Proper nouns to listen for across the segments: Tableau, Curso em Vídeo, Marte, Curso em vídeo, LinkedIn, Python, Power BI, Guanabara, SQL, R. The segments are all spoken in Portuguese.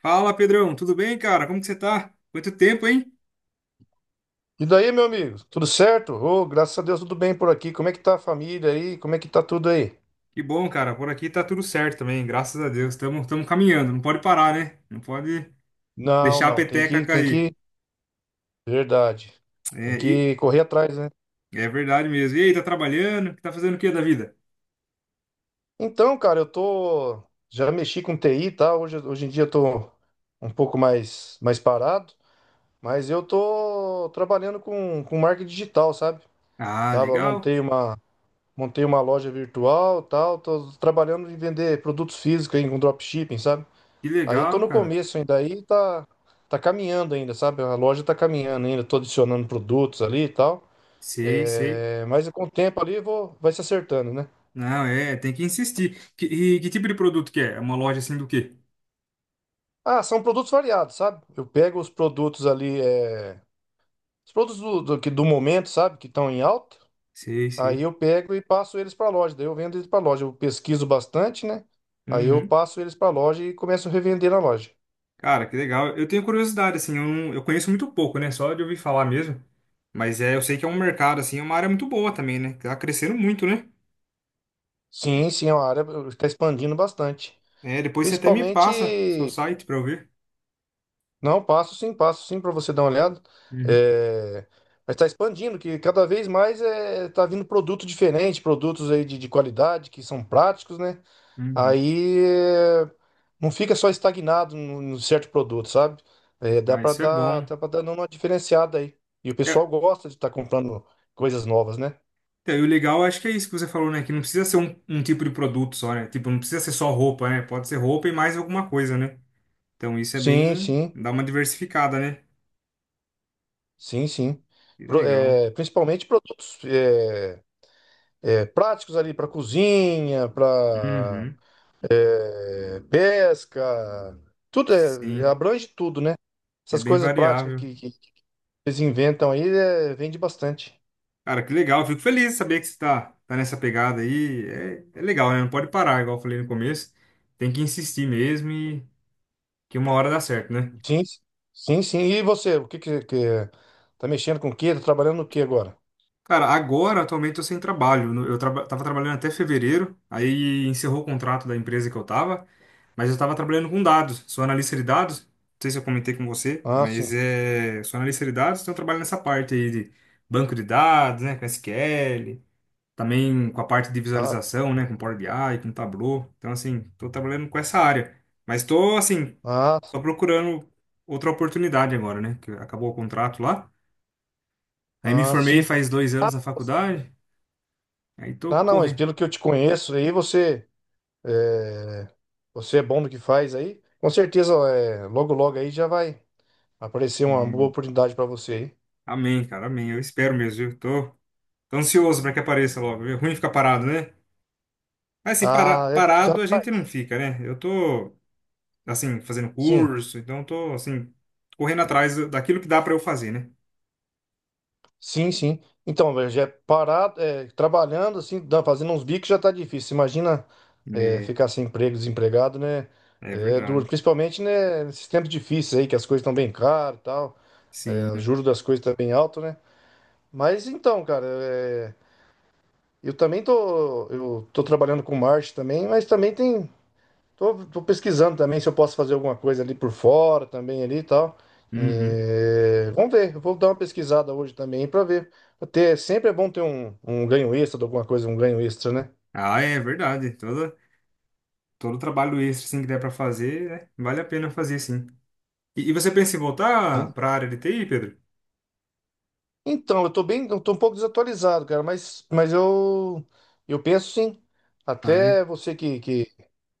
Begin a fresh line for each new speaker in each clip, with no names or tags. Fala, Pedrão, tudo bem, cara? Como que você tá? Quanto tempo, hein?
E daí, meu amigo, tudo certo? Ô, graças a Deus, tudo bem por aqui. Como é que tá a família aí? Como é que tá tudo aí?
Que bom, cara. Por aqui tá tudo certo também, graças a Deus. Estamos caminhando, não pode parar, né? Não pode
Não,
deixar a
não, tem
peteca
que, tem
cair.
que, verdade. Tem
É, e
que correr atrás, né?
é verdade mesmo. E aí, tá trabalhando? Tá fazendo o que da vida?
Então, cara, eu tô já mexi com TI, tá? Hoje em dia eu tô um pouco mais parado, mas eu tô trabalhando com marketing digital, sabe?
Ah,
Tava
legal.
montei uma loja virtual, tal, tô trabalhando em vender produtos físicos aí com dropshipping, sabe?
Que
Aí tô
legal,
no
cara.
começo ainda, tá caminhando ainda, sabe? A loja tá caminhando ainda, tô adicionando produtos ali e tal.
Sei, sei.
É, mas com o tempo ali vai se acertando, né?
Não, é, tem que insistir. E que tipo de produto que é? É uma loja assim do quê?
Ah, são produtos variados, sabe? Eu pego os produtos ali, os produtos do momento, sabe? Que estão em alta.
Sei,
Aí
sei.
eu pego e passo eles para loja, daí eu vendo eles para loja. Eu pesquiso bastante, né? Aí eu
Uhum.
passo eles para loja e começo a revender na loja.
Cara, que legal. Eu tenho curiosidade, assim, eu, não- eu conheço muito pouco, né? Só de ouvir falar mesmo. Mas é, eu sei que é um mercado, assim, é uma área muito boa também, né? Que tá crescendo muito, né?
Sim, sim, é uma área que está expandindo bastante.
É, depois você até me passa seu
Principalmente.
site pra eu ver.
Não, passo sim para você dar uma olhada.
Uhum,
É, mas está expandindo, que cada vez mais tá vindo produto diferente, produtos aí de qualidade, que são práticos, né?
uhum.
Aí é, não fica só estagnado num certo produto, sabe? É,
Ah, isso é bom.
dá para dar uma diferenciada aí. E o pessoal
É,
gosta de estar comprando coisas novas, né?
então, e o legal, acho que é isso que você falou, né? Que não precisa ser um tipo de produto só, né? Tipo, não precisa ser só roupa, né? Pode ser roupa e mais alguma coisa, né? Então isso é
Sim,
bem,
sim,
dá uma diversificada, né?
sim, sim.
Que legal.
Principalmente produtos, é, práticos ali para cozinha, para
Uhum,
pesca, é,
sim.
abrange tudo, né?
É
Essas
bem
coisas práticas
variável.
que eles inventam aí, é, vende bastante.
Cara, que legal. Eu fico feliz de saber que você tá nessa pegada aí. É, é legal, né? Não pode parar, igual eu falei no começo. Tem que insistir mesmo e que uma hora dá certo, né?
Sim, sim, sim. E você, o que tá mexendo com o quê? Tá trabalhando no quê agora?
Cara, agora, atualmente, eu sem trabalho. Tava trabalhando até fevereiro, aí encerrou o contrato da empresa que eu tava, mas eu tava trabalhando com dados. Sou analista de dados. Não sei se eu comentei com você,
Ah,
mas
sim.
sou analista de dados, então eu trabalho nessa parte aí de banco de dados, né? Com SQL. Também com a parte de
Ah,
visualização, né, com Power BI, com Tableau. Então, assim, tô trabalhando com essa área. Mas tô, assim,
ah,
tô procurando outra oportunidade agora, né, que acabou o contrato lá. Aí me
ah,
formei
sim.
faz dois
Ah,
anos na faculdade, aí tô
ah, não, mas
correndo.
pelo que eu te conheço aí, é, você é bom no que faz aí. Com certeza, é, logo aí já vai aparecer uma boa
Hum,
oportunidade para você aí.
amém, cara, amém. Eu espero mesmo, viu? Tô ansioso para que apareça logo. É ruim ficar parado, né? Mas, assim,
Ah, é, já
parado a
vai.
gente não fica, né? Eu tô, assim, fazendo
Sim.
curso, então tô, assim, correndo atrás daquilo que dá para eu fazer, né?
Sim, sim. Então, velho, já é parado, é, trabalhando, assim, fazendo uns bicos já tá difícil. Imagina, é, ficar sem emprego, desempregado, né?
É, é
É duro,
verdade.
principalmente, né, nesses tempos difíceis aí, que as coisas estão bem caras e tal, é, o
Sim.
juro das coisas tá bem alto, né? Mas então, cara, é, eu tô trabalhando com marketing também, mas também tem. Tô pesquisando também se eu posso fazer alguma coisa ali por fora também ali e tal.
Uhum.
É, vamos ver, eu vou dar uma pesquisada hoje também para ver. Até sempre é bom ter um ganho extra de alguma coisa, um ganho extra, né?
Ah, é verdade. Todo trabalho extra assim, que der para fazer, né? Vale a pena fazer, sim. E você pensa em voltar
Sim.
para a área de TI, Pedro?
Então, eu tô um pouco desatualizado, cara, mas eu penso sim.
Ah, é?
Até você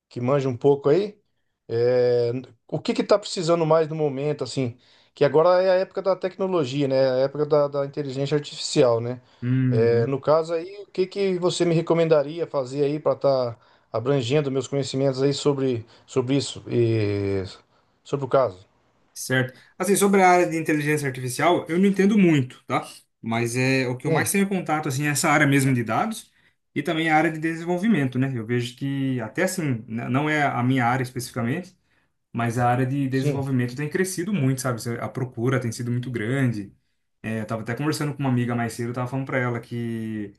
que manja um pouco aí. É, o que que tá precisando mais no momento, assim? Que agora é a época da tecnologia, né? A época da inteligência artificial, né? É,
Uhum.
no caso aí, o que que você me recomendaria fazer aí para estar abrangendo meus conhecimentos aí sobre isso e sobre o caso?
Certo. Assim, sobre a área de inteligência artificial, eu não entendo muito, tá? Mas é o que eu mais
Sim,
tenho contato, assim, é essa área mesmo de dados e também a área de desenvolvimento, né? Eu vejo que, até assim, não é a minha área especificamente, mas a área de
sim.
desenvolvimento tem crescido muito, sabe? A procura tem sido muito grande. É, eu tava até conversando com uma amiga mais cedo, eu tava falando pra ela que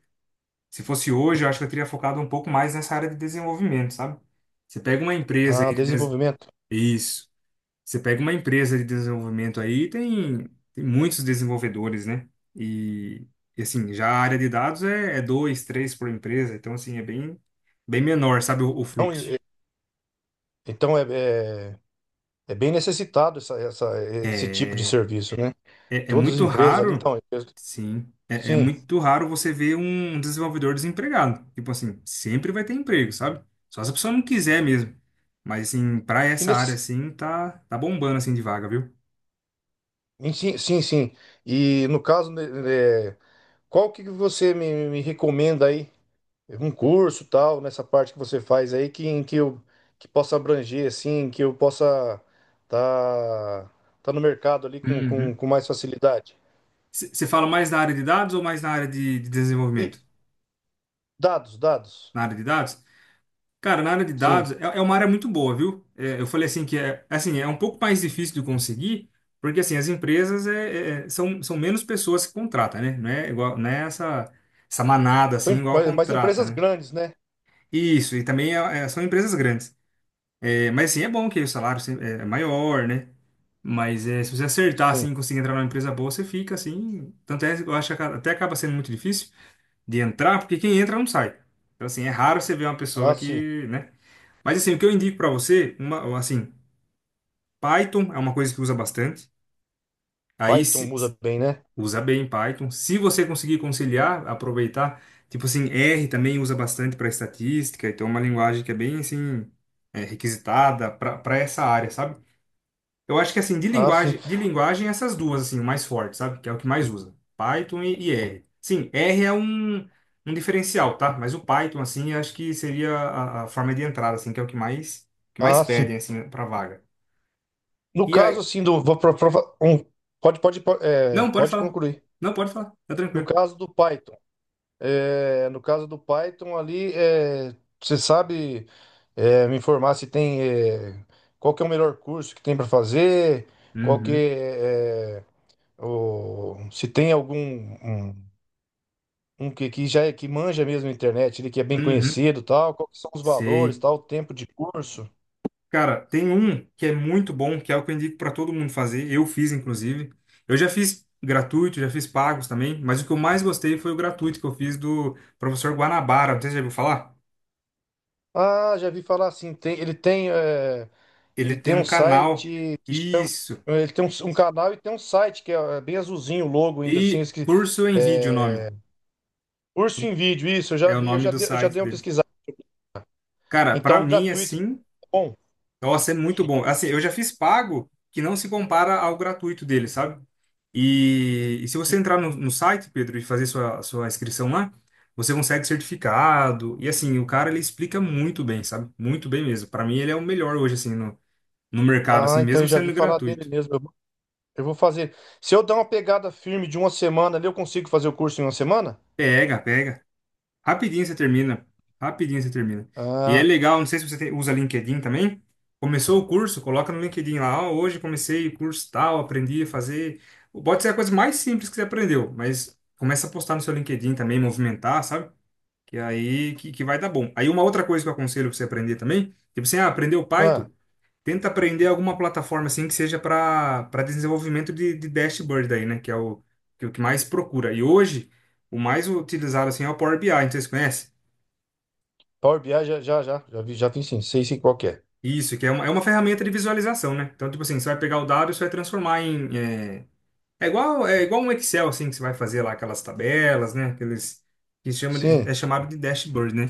se fosse hoje, eu acho que eu teria focado um pouco mais nessa área de desenvolvimento, sabe? Você pega uma empresa
Ah,
aí
desenvolvimento.
Isso. Você pega uma empresa de desenvolvimento aí, tem muitos desenvolvedores, né? E, e assim, já a área de dados é, é dois, três por empresa, então assim, é bem menor, sabe, o
Então,
fluxo.
e- e- então é, é bem necessitado esse tipo de
É,
serviço, né?
É
Todas as
muito
empresas ali,
raro, sim. É, é
sim.
muito raro você ver um desenvolvedor desempregado. Tipo assim, sempre vai ter emprego, sabe? Só se a pessoa não quiser mesmo. Mas assim, pra
E
essa área
nesse,
assim, tá bombando assim de vaga, viu?
Em Sim, sim, sim. E no caso, né, é, qual que você me recomenda aí? Um curso tal, nessa parte que você faz aí, que possa abranger, assim, que eu possa tá, tá no mercado ali com,
Uhum.
com mais facilidade.
Você fala mais na área de dados ou mais na área de
E
desenvolvimento?
dados, dados.
Na área de dados? Cara, na área de
Sim.
dados é, é uma área muito boa, viu? É, eu falei assim que é assim, é um pouco mais difícil de conseguir, porque assim, as empresas é, são menos pessoas que contratam, né? Não é igual, não é essa, essa manada
São,
assim, igual
mas
contrata,
empresas
né?
grandes, né?
Isso, e também são empresas grandes. É, mas assim, é bom que o salário é é maior, né? Mas é, se você acertar
Sim.
assim, e conseguir entrar numa empresa boa, você fica assim. Tanto é, eu acho que até acaba sendo muito difícil de entrar, porque quem entra não sai. Então, assim, é raro você ver uma pessoa
Ah, sim.
que, né? Mas assim, o que eu indico para você, uma, assim, Python é uma coisa que usa bastante. Aí
Python
se,
usa bem, né?
usa bem Python. Se você conseguir conciliar, aproveitar. Tipo assim, R também usa bastante para estatística. Então é uma linguagem que é bem assim é, requisitada para essa área, sabe? Eu acho que assim
Ah, sim.
de linguagem essas duas assim, o mais forte, sabe? Que é o que mais usa, Python e R. Sim, R é um diferencial, tá? Mas o Python assim, eu acho que seria a forma de entrada assim, que é o que mais
Ah, sim.
pedem assim para vaga.
No
E
caso,
aí.
assim, do. Vou pro- pro- Um, pode, pode, po- é,
Não, pode
pode
falar.
concluir.
Não, pode falar. Tá
No
tranquilo.
caso do Python. É, no caso do Python ali, é, você sabe é, me informar se tem é, qual que é o melhor curso que tem para fazer, qual que
Uhum.
é, é, o, se tem algum um que já é que manja mesmo a internet, ele que é bem
Uhum.
conhecido, e tal, qual que são os valores,
Sei.
tal, o tempo de curso.
Cara, tem um que é muito bom, que é o que eu indico pra todo mundo fazer. Eu fiz, inclusive. Eu já fiz gratuito, já fiz pagos também, mas o que eu mais gostei foi o gratuito que eu fiz do professor Guanabara. Não sei se você já ouviu falar.
Ah, já vi falar assim, tem,
Ele
ele
tem
tem um
um canal.
site que chama
Isso.
ele tem um, um canal e tem um site que é, é bem azulzinho o logo ainda assim,
E
esque-
Curso em Vídeo, é o nome.
é, Curso em Vídeo, isso, eu já
É o
vi,
nome do
eu já
site
dei uma
dele.
pesquisada.
Cara, pra
Então, o
mim,
gratuito, tá
assim,
bom.
nossa, é muito bom. Assim, eu já fiz pago que não se compara ao gratuito dele, sabe? E se você
e-
entrar no site, Pedro, e fazer sua inscrição lá, você consegue certificado. E assim, o cara ele explica muito bem, sabe? Muito bem mesmo. Para mim, ele é o melhor hoje, assim, no mercado, assim,
Ah, então eu
mesmo
já vi
sendo
falar dele
gratuito.
mesmo. Eu vou fazer. Se eu dar uma pegada firme de uma semana ali, eu consigo fazer o curso em uma semana?
Pega, pega. Rapidinho você termina. Rapidinho você termina. E é
Ah,
legal, não sei se você usa LinkedIn também. Começou o curso, coloca no LinkedIn lá. Ó, hoje comecei o curso tal, aprendi a fazer. Pode ser a coisa mais simples que você aprendeu, mas começa a postar no seu LinkedIn também, movimentar, sabe? Que aí que vai dar bom. Aí uma outra coisa que eu aconselho pra você aprender também, tipo assim, ah, aprendeu
ah,
Python, tenta aprender alguma plataforma assim que seja para desenvolvimento de dashboard aí, né? Que é o que mais procura. E hoje, o mais utilizado assim é o Power BI, não sei se você conhece.
Power BI já, já, já, já vi sim, sei sim qual que é.
Isso, que é é uma ferramenta de visualização, né? Então, tipo assim, você vai pegar o dado e você vai transformar em. É, é igual um Excel, assim, que você vai fazer lá aquelas tabelas, né? Aqueles que chama,
Sim,
é chamado de dashboard, né?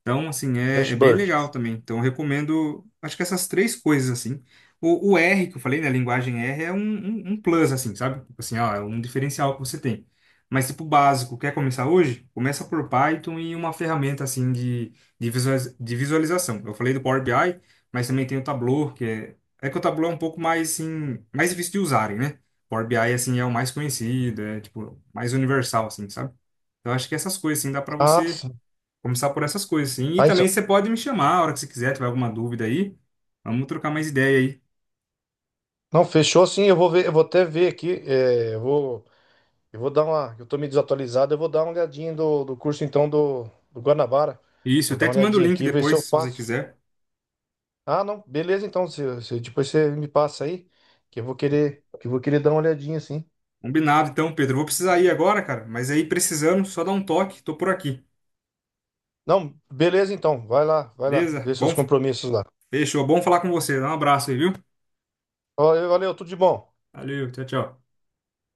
Então, assim, é, é bem
dashboard.
legal também. Então, eu recomendo, acho que essas três coisas, assim. O R, que eu falei, né? A linguagem R é um plus, assim, sabe? Tipo assim, ó, é um diferencial que você tem. Mas, tipo, básico, quer começar hoje? Começa por Python e uma ferramenta, assim, de visualização. Eu falei do Power BI, mas também tem o Tableau, que é... É que o Tableau é um pouco mais, assim, mais difícil de usarem, né? Power BI, assim, é o mais conhecido, é, tipo, mais universal, assim, sabe? Então, acho que essas coisas, assim, dá para
Ah,
você
sim.
começar por essas coisas, sim. E
Ah,
também
isso.
você pode me chamar a hora que você quiser, tiver alguma dúvida aí. Vamos trocar mais ideia aí.
Não, fechou sim, eu vou até ver aqui, eu vou dar uma, eu tô meio desatualizado, eu vou dar uma olhadinha do curso então do Guanabara.
Isso,
Vou
eu
dar
até
uma
te mando o
olhadinha
link
aqui, ver se
depois,
eu
se você
passo.
quiser.
Ah, não. Beleza, então. Depois você me passa aí, que eu vou querer dar uma olhadinha, assim.
Combinado, então, Pedro. Eu vou precisar ir agora, cara. Mas aí, precisando, só dá um toque. Tô por aqui.
Não, beleza, então. Vai lá, vai lá.
Beleza?
Vê
Bom,
seus compromissos lá.
fechou. Bom falar com você. Dá um abraço aí, viu?
Valeu, valeu, tudo de bom.
Valeu, tchau, tchau.